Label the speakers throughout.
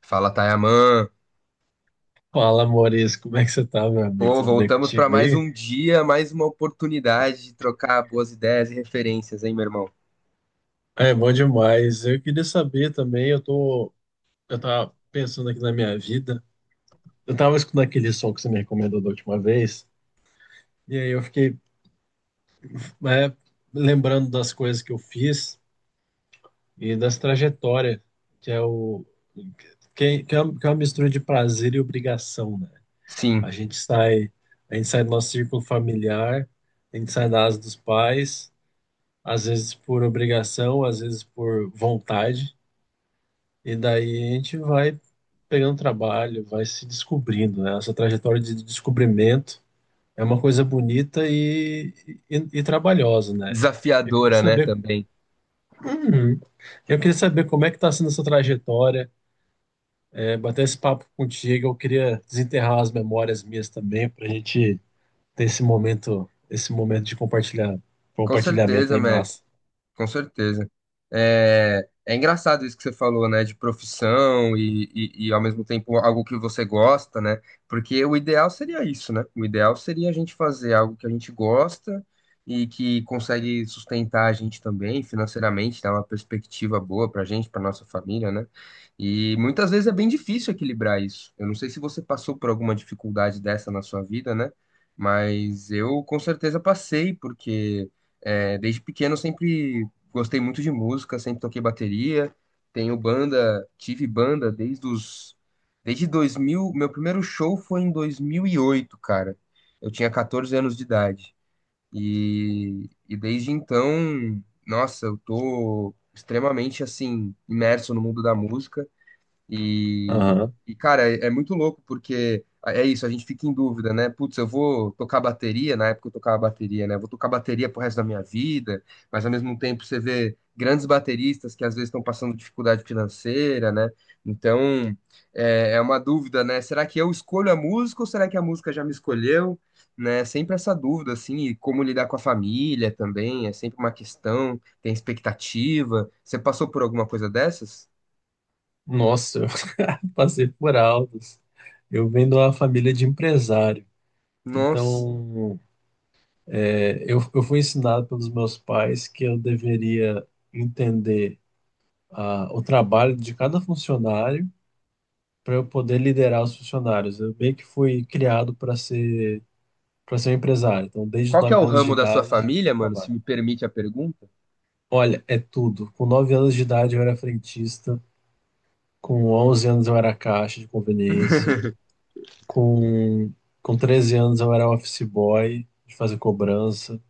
Speaker 1: Fala, Tayaman.
Speaker 2: Fala, Maurício, como é que você tá, meu amigo?
Speaker 1: Pô,
Speaker 2: Tudo bem
Speaker 1: voltamos para
Speaker 2: contigo
Speaker 1: mais
Speaker 2: aí?
Speaker 1: um dia, mais uma oportunidade de trocar boas ideias e referências, hein, meu irmão?
Speaker 2: É bom demais. Eu queria saber também, eu tava pensando aqui na minha vida. Eu tava escutando aquele som que você me recomendou da última vez, e aí eu fiquei, é, lembrando das coisas que eu fiz e das trajetórias, que é o que é uma mistura de prazer e obrigação, né? A
Speaker 1: Sim,
Speaker 2: gente sai, a gente sai do nosso círculo familiar, a gente sai da asa dos pais. Às vezes por obrigação, às vezes por vontade, e daí a gente vai pegando trabalho, vai se descobrindo, né? Essa trajetória de descobrimento é uma coisa bonita e trabalhosa, né? Eu queria
Speaker 1: desafiadora, né,
Speaker 2: saber,
Speaker 1: também.
Speaker 2: Uhum. Eu queria saber como é que está sendo essa trajetória, bater esse papo contigo, eu queria desenterrar as memórias minhas também para a gente ter esse momento de
Speaker 1: Com
Speaker 2: compartilhamento
Speaker 1: certeza,
Speaker 2: aí
Speaker 1: mestre.
Speaker 2: massa.
Speaker 1: Com certeza. É engraçado isso que você falou, né, de profissão e ao mesmo tempo algo que você gosta, né? Porque o ideal seria isso, né? O ideal seria a gente fazer algo que a gente gosta e que consegue sustentar a gente também financeiramente, dar uma perspectiva boa pra gente, pra nossa família, né? E muitas vezes é bem difícil equilibrar isso. Eu não sei se você passou por alguma dificuldade dessa na sua vida, né? Mas eu com certeza passei, porque é, desde pequeno eu sempre gostei muito de música, sempre toquei bateria. Tenho banda, tive banda desde 2000, meu primeiro show foi em 2008, cara. Eu tinha 14 anos de idade. E desde então, nossa, eu tô extremamente assim imerso no mundo da música. E,
Speaker 2: Aham.
Speaker 1: e, cara, é muito louco porque é isso, a gente fica em dúvida, né? Putz, eu vou tocar bateria, na época eu tocava bateria, né? Vou tocar bateria pro resto da minha vida, mas ao mesmo tempo você vê grandes bateristas que às vezes estão passando dificuldade financeira, né? Então é uma dúvida, né? Será que eu escolho a música ou será que a música já me escolheu? Né? Sempre essa dúvida, assim, e como lidar com a família também, é sempre uma questão, tem expectativa. Você passou por alguma coisa dessas?
Speaker 2: Nossa, passei por altos. Eu venho de uma família de empresário.
Speaker 1: Nossa.
Speaker 2: Então, eu fui ensinado pelos meus pais que eu deveria entender o trabalho de cada funcionário para eu poder liderar os funcionários. Eu meio que fui criado para ser um empresário. Então, desde os
Speaker 1: Qual que é
Speaker 2: 9
Speaker 1: o
Speaker 2: anos de
Speaker 1: ramo da sua
Speaker 2: idade,
Speaker 1: família, mano? Se
Speaker 2: trabalho.
Speaker 1: me permite a pergunta.
Speaker 2: Olha, é tudo. Com 9 anos de idade, eu era frentista. Com 11 anos, eu era caixa de conveniência. Com, com 13 anos eu era office boy, de fazer cobrança.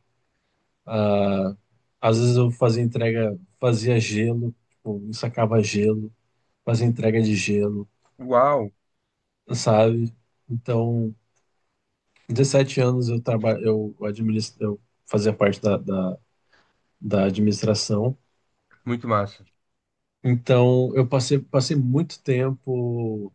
Speaker 2: Ah, às vezes eu fazia entrega, fazia gelo, tipo, sacava gelo, fazia entrega de gelo,
Speaker 1: Uau,
Speaker 2: sabe? Então, 17 anos eu trabalho, eu administro, eu fazia parte da administração.
Speaker 1: muito massa.
Speaker 2: Então, eu passei muito tempo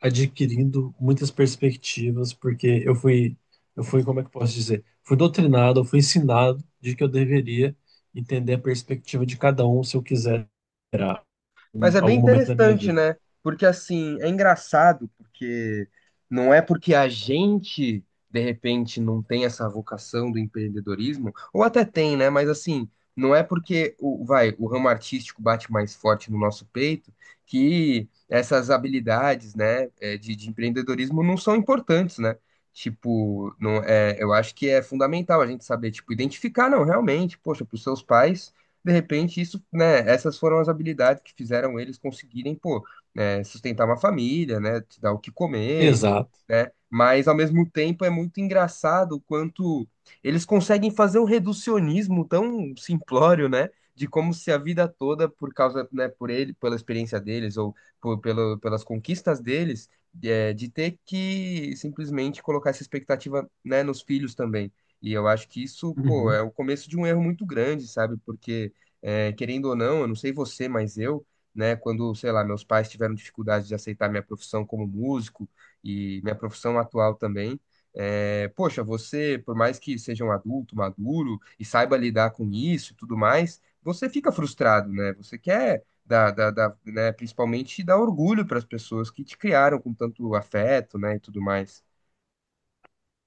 Speaker 2: adquirindo muitas perspectivas, porque eu fui, como é que eu posso dizer? Fui doutrinado, eu fui ensinado de que eu deveria entender a perspectiva de cada um se eu quiser esperar em
Speaker 1: Mas é bem
Speaker 2: algum momento da minha
Speaker 1: interessante,
Speaker 2: vida.
Speaker 1: né? Porque assim, é engraçado, porque não é porque a gente, de repente, não tem essa vocação do empreendedorismo, ou até tem, né? Mas assim, não é porque o, vai, o ramo artístico bate mais forte no nosso peito que essas habilidades, né, é, de empreendedorismo não são importantes, né? Tipo, não, é, eu acho que é fundamental a gente saber, tipo, identificar, não, realmente, poxa, para os seus pais de repente, isso, né, essas foram as habilidades que fizeram eles conseguirem, pô, né, sustentar uma família, né, te dar o que comer,
Speaker 2: Exato.
Speaker 1: né? Mas ao mesmo tempo é muito engraçado o quanto eles conseguem fazer um reducionismo tão simplório, né? De como se a vida toda, por causa, né, por ele, pela experiência deles ou por- pelo, pelas conquistas deles, é, de ter que simplesmente colocar essa expectativa, né, nos filhos também. E eu acho que isso, pô,
Speaker 2: Uhum.
Speaker 1: é o começo de um erro muito grande, sabe? Porque é, querendo ou não, eu não sei você, mas eu, né, quando, sei lá, meus pais tiveram dificuldade de aceitar minha profissão como músico e minha profissão atual também, é, poxa, você, por mais que seja um adulto maduro e saiba lidar com isso e tudo mais, você fica frustrado, né? Você quer dar, dar, né, principalmente dar orgulho para as pessoas que te criaram com tanto afeto, né, e tudo mais.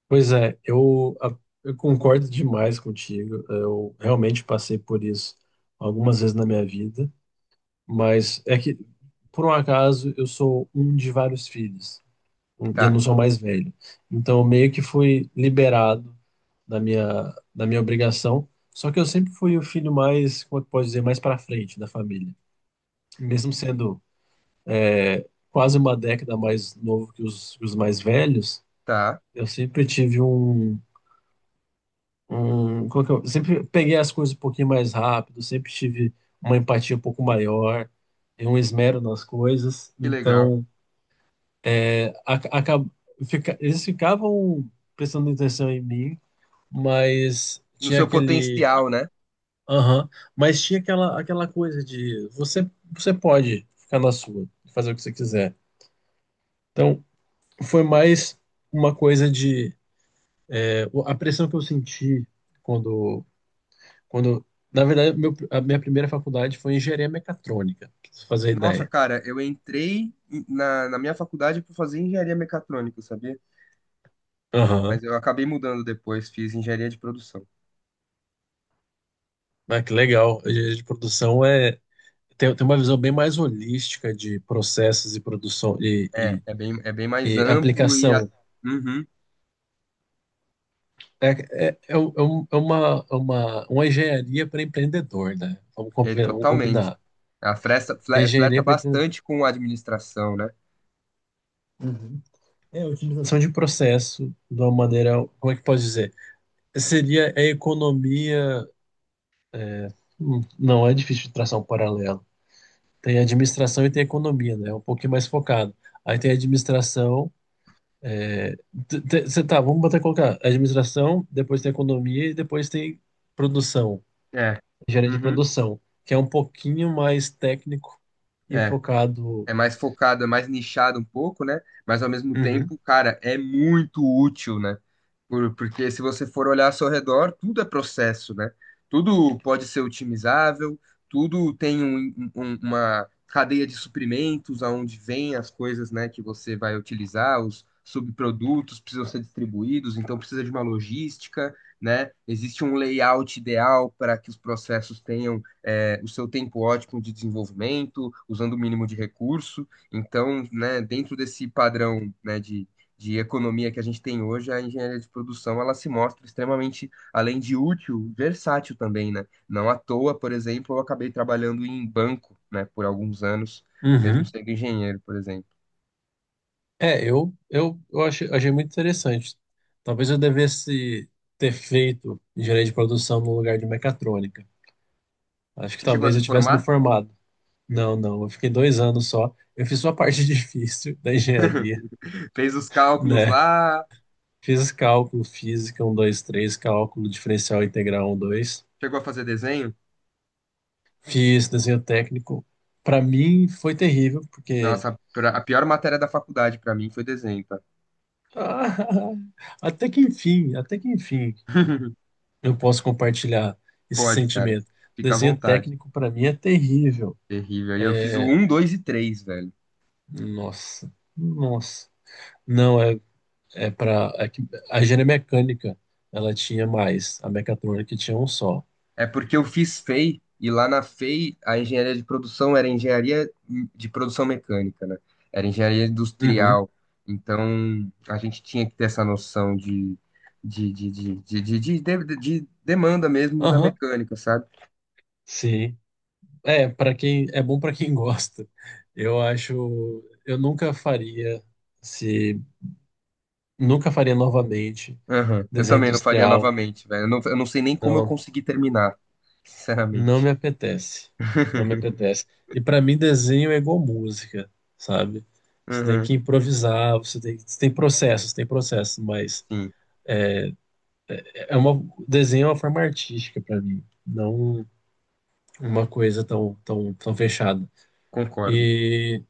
Speaker 2: Pois é, eu concordo demais contigo. Eu realmente passei por isso algumas vezes na minha vida, mas é que, por um acaso, eu sou um de vários filhos, e eu não
Speaker 1: Tá,
Speaker 2: sou mais velho. Então, eu meio que fui liberado da minha obrigação. Só que eu sempre fui o filho mais, como é que pode dizer, mais para frente da família. Mesmo sendo quase uma década mais novo que os mais velhos,
Speaker 1: tá,
Speaker 2: eu sempre tive como é que eu, sempre peguei as coisas um pouquinho mais rápido, sempre tive uma empatia um pouco maior e um esmero nas coisas.
Speaker 1: que legal.
Speaker 2: Então, a, acab- eles ficavam prestando atenção em mim, mas
Speaker 1: No
Speaker 2: tinha
Speaker 1: seu
Speaker 2: aquele
Speaker 1: potencial, né?
Speaker 2: Aham. Mas tinha aquela coisa de você pode ficar na sua, fazer o que você quiser. Então, foi mais uma coisa de. A pressão que eu senti quando. quando na verdade, meu, a minha primeira faculdade foi engenharia mecatrônica, pra você fazer
Speaker 1: Nossa,
Speaker 2: ideia.
Speaker 1: cara, eu entrei na minha faculdade para fazer engenharia mecatrônica, sabia?
Speaker 2: Aham.
Speaker 1: Mas eu acabei mudando depois, fiz engenharia de produção.
Speaker 2: Ah, que legal. A engenharia de produção tem uma visão bem mais holística de processos e produção
Speaker 1: É,
Speaker 2: e,
Speaker 1: é bem mais
Speaker 2: e, e
Speaker 1: amplo e a-
Speaker 2: aplicação.
Speaker 1: Uhum,
Speaker 2: É, é uma engenharia para empreendedor, né? Vamos,
Speaker 1: é
Speaker 2: vamos
Speaker 1: totalmente.
Speaker 2: combinar.
Speaker 1: A fresta, flerta
Speaker 2: Engenharia para empreendedor.
Speaker 1: bastante com a administração, né?
Speaker 2: Uhum. É a utilização. Utilização de processo de uma maneira, como é que pode dizer? Seria a economia. Não, é difícil de traçar um paralelo. Tem administração e tem economia, né? É um pouquinho mais focado. Aí tem administração. Você tá, vamos botar colocar administração, depois tem economia e depois tem produção.
Speaker 1: É.
Speaker 2: Engenharia de
Speaker 1: Uhum,
Speaker 2: produção, que é um pouquinho mais técnico e
Speaker 1: é.
Speaker 2: focado.
Speaker 1: É mais focado, é mais nichado um pouco, né? Mas ao mesmo tempo,
Speaker 2: Uhum,
Speaker 1: cara, é muito útil, né? Porque se você for olhar ao seu redor, tudo é processo, né? Tudo pode ser otimizável, tudo tem uma cadeia de suprimentos aonde vêm as coisas, né, que você vai utilizar, os subprodutos precisam ser distribuídos, então precisa de uma logística, né? Existe um layout ideal para que os processos tenham é, o seu tempo ótimo de desenvolvimento, usando o mínimo de recurso. Então, né, dentro desse padrão, né, de economia que a gente tem hoje, a engenharia de produção ela se mostra extremamente, além de útil, versátil também, né? Não à toa, por exemplo, eu acabei trabalhando em banco, né, por alguns anos, mesmo
Speaker 2: uhum.
Speaker 1: sendo engenheiro, por exemplo.
Speaker 2: É, eu achei muito interessante. Talvez eu devesse ter feito engenharia de produção no lugar de mecatrônica. Acho que
Speaker 1: Você chegou a
Speaker 2: talvez
Speaker 1: se
Speaker 2: eu tivesse me
Speaker 1: formar?
Speaker 2: formado. Não, não, eu fiquei 2 anos só. Eu fiz só a parte difícil da engenharia,
Speaker 1: Fez os cálculos
Speaker 2: né?
Speaker 1: lá,
Speaker 2: Fiz cálculo, física um, 2, 3, cálculo diferencial integral um, 2.
Speaker 1: chegou a fazer desenho?
Speaker 2: Fiz desenho técnico. Para mim foi terrível, porque.
Speaker 1: Nossa, a pior matéria da faculdade para mim foi desenho, tá?
Speaker 2: Ah, até que enfim, eu posso compartilhar esse
Speaker 1: Pode, cara.
Speaker 2: sentimento.
Speaker 1: Fica à
Speaker 2: Desenho
Speaker 1: vontade.
Speaker 2: técnico para mim é terrível.
Speaker 1: Terrível. E eu fiz o
Speaker 2: É,
Speaker 1: um 2 e três velho.
Speaker 2: nossa, nossa. Não, é para. É que a engenharia mecânica ela tinha mais, a mecatrônica tinha um só.
Speaker 1: É porque eu fiz FEI, e I, e lá na FEI a engenharia de produção era engenharia de produção mecânica, né? Era engenharia
Speaker 2: Uhum.
Speaker 1: industrial. Então a gente tinha que ter essa noção de demanda mesmo da
Speaker 2: Aham,
Speaker 1: mecânica, sabe?
Speaker 2: sim. É, para quem é bom para quem gosta. Eu acho, eu nunca faria se nunca faria novamente
Speaker 1: Aham. Eu
Speaker 2: desenho
Speaker 1: também não faria
Speaker 2: industrial.
Speaker 1: novamente, velho. Eu não sei nem como eu
Speaker 2: Não,
Speaker 1: consegui terminar,
Speaker 2: não
Speaker 1: sinceramente.
Speaker 2: me apetece. Não me apetece. E para mim, desenho é igual música, sabe? Você tem
Speaker 1: Aham.
Speaker 2: que improvisar, você tem processos, tem processos, mas
Speaker 1: Sim,
Speaker 2: é uma, desenho é uma forma artística para mim, não uma coisa tão, tão, tão fechada.
Speaker 1: concordo.
Speaker 2: E,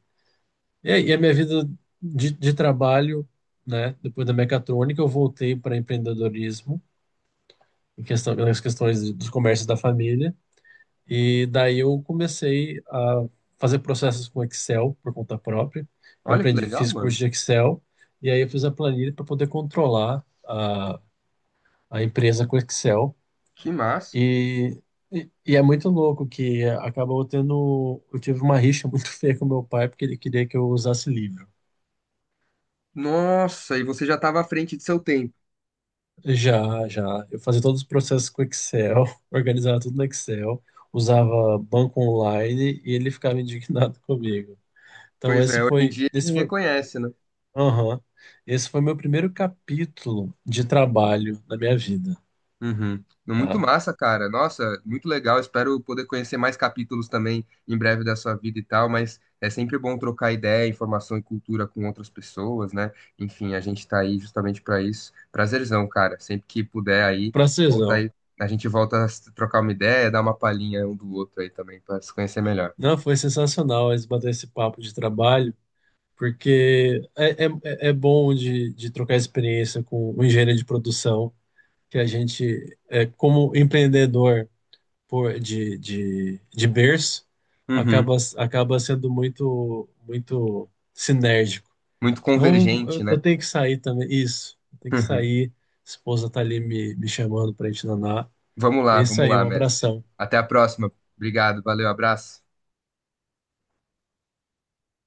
Speaker 2: e aí, a minha vida de trabalho, né? Depois da mecatrônica, eu voltei para empreendedorismo, em questão, nas questões dos comércios da família. E daí eu comecei a fazer processos com Excel por conta própria. Eu
Speaker 1: Olha que
Speaker 2: aprendi,
Speaker 1: legal,
Speaker 2: fiz curso
Speaker 1: mano.
Speaker 2: de Excel e aí eu fiz a planilha para poder controlar a empresa com Excel.
Speaker 1: Que massa.
Speaker 2: E, e é muito louco que acabou tendo. Eu tive uma rixa muito feia com meu pai porque ele queria que eu usasse livro.
Speaker 1: Nossa, e você já estava à frente de seu tempo.
Speaker 2: Já, já. Eu fazia todos os processos com Excel, organizava tudo no Excel, usava banco online e ele ficava indignado comigo. Então
Speaker 1: Pois é,
Speaker 2: esse
Speaker 1: hoje em
Speaker 2: foi,
Speaker 1: dia ele
Speaker 2: esse foi,
Speaker 1: reconhece, né?
Speaker 2: Aham. Esse foi meu primeiro capítulo de trabalho na minha vida,
Speaker 1: Uhum. Muito
Speaker 2: tá?
Speaker 1: massa, cara. Nossa, muito legal. Espero poder conhecer mais capítulos também em breve da sua vida e tal, mas é sempre bom trocar ideia, informação e cultura com outras pessoas, né? Enfim, a gente tá aí justamente para isso. Prazerzão, cara. Sempre que puder aí, volta
Speaker 2: Francesão.
Speaker 1: aí. A gente volta a se trocar uma ideia, dar uma palhinha um do outro aí também para se conhecer melhor.
Speaker 2: Não, foi sensacional eles bater esse papo de trabalho, porque é bom de trocar experiência com o engenheiro de produção, que a gente, como empreendedor de berço,
Speaker 1: Uhum.
Speaker 2: acaba sendo muito, muito sinérgico.
Speaker 1: Muito
Speaker 2: Então,
Speaker 1: convergente,
Speaker 2: eu
Speaker 1: né?
Speaker 2: tenho que sair também. Isso, eu tenho que sair. Esposa tá ali me chamando pra gente danar. É isso
Speaker 1: Vamos
Speaker 2: aí,
Speaker 1: lá,
Speaker 2: um
Speaker 1: mestre.
Speaker 2: abração.
Speaker 1: Até a próxima. Obrigado, valeu, abraço.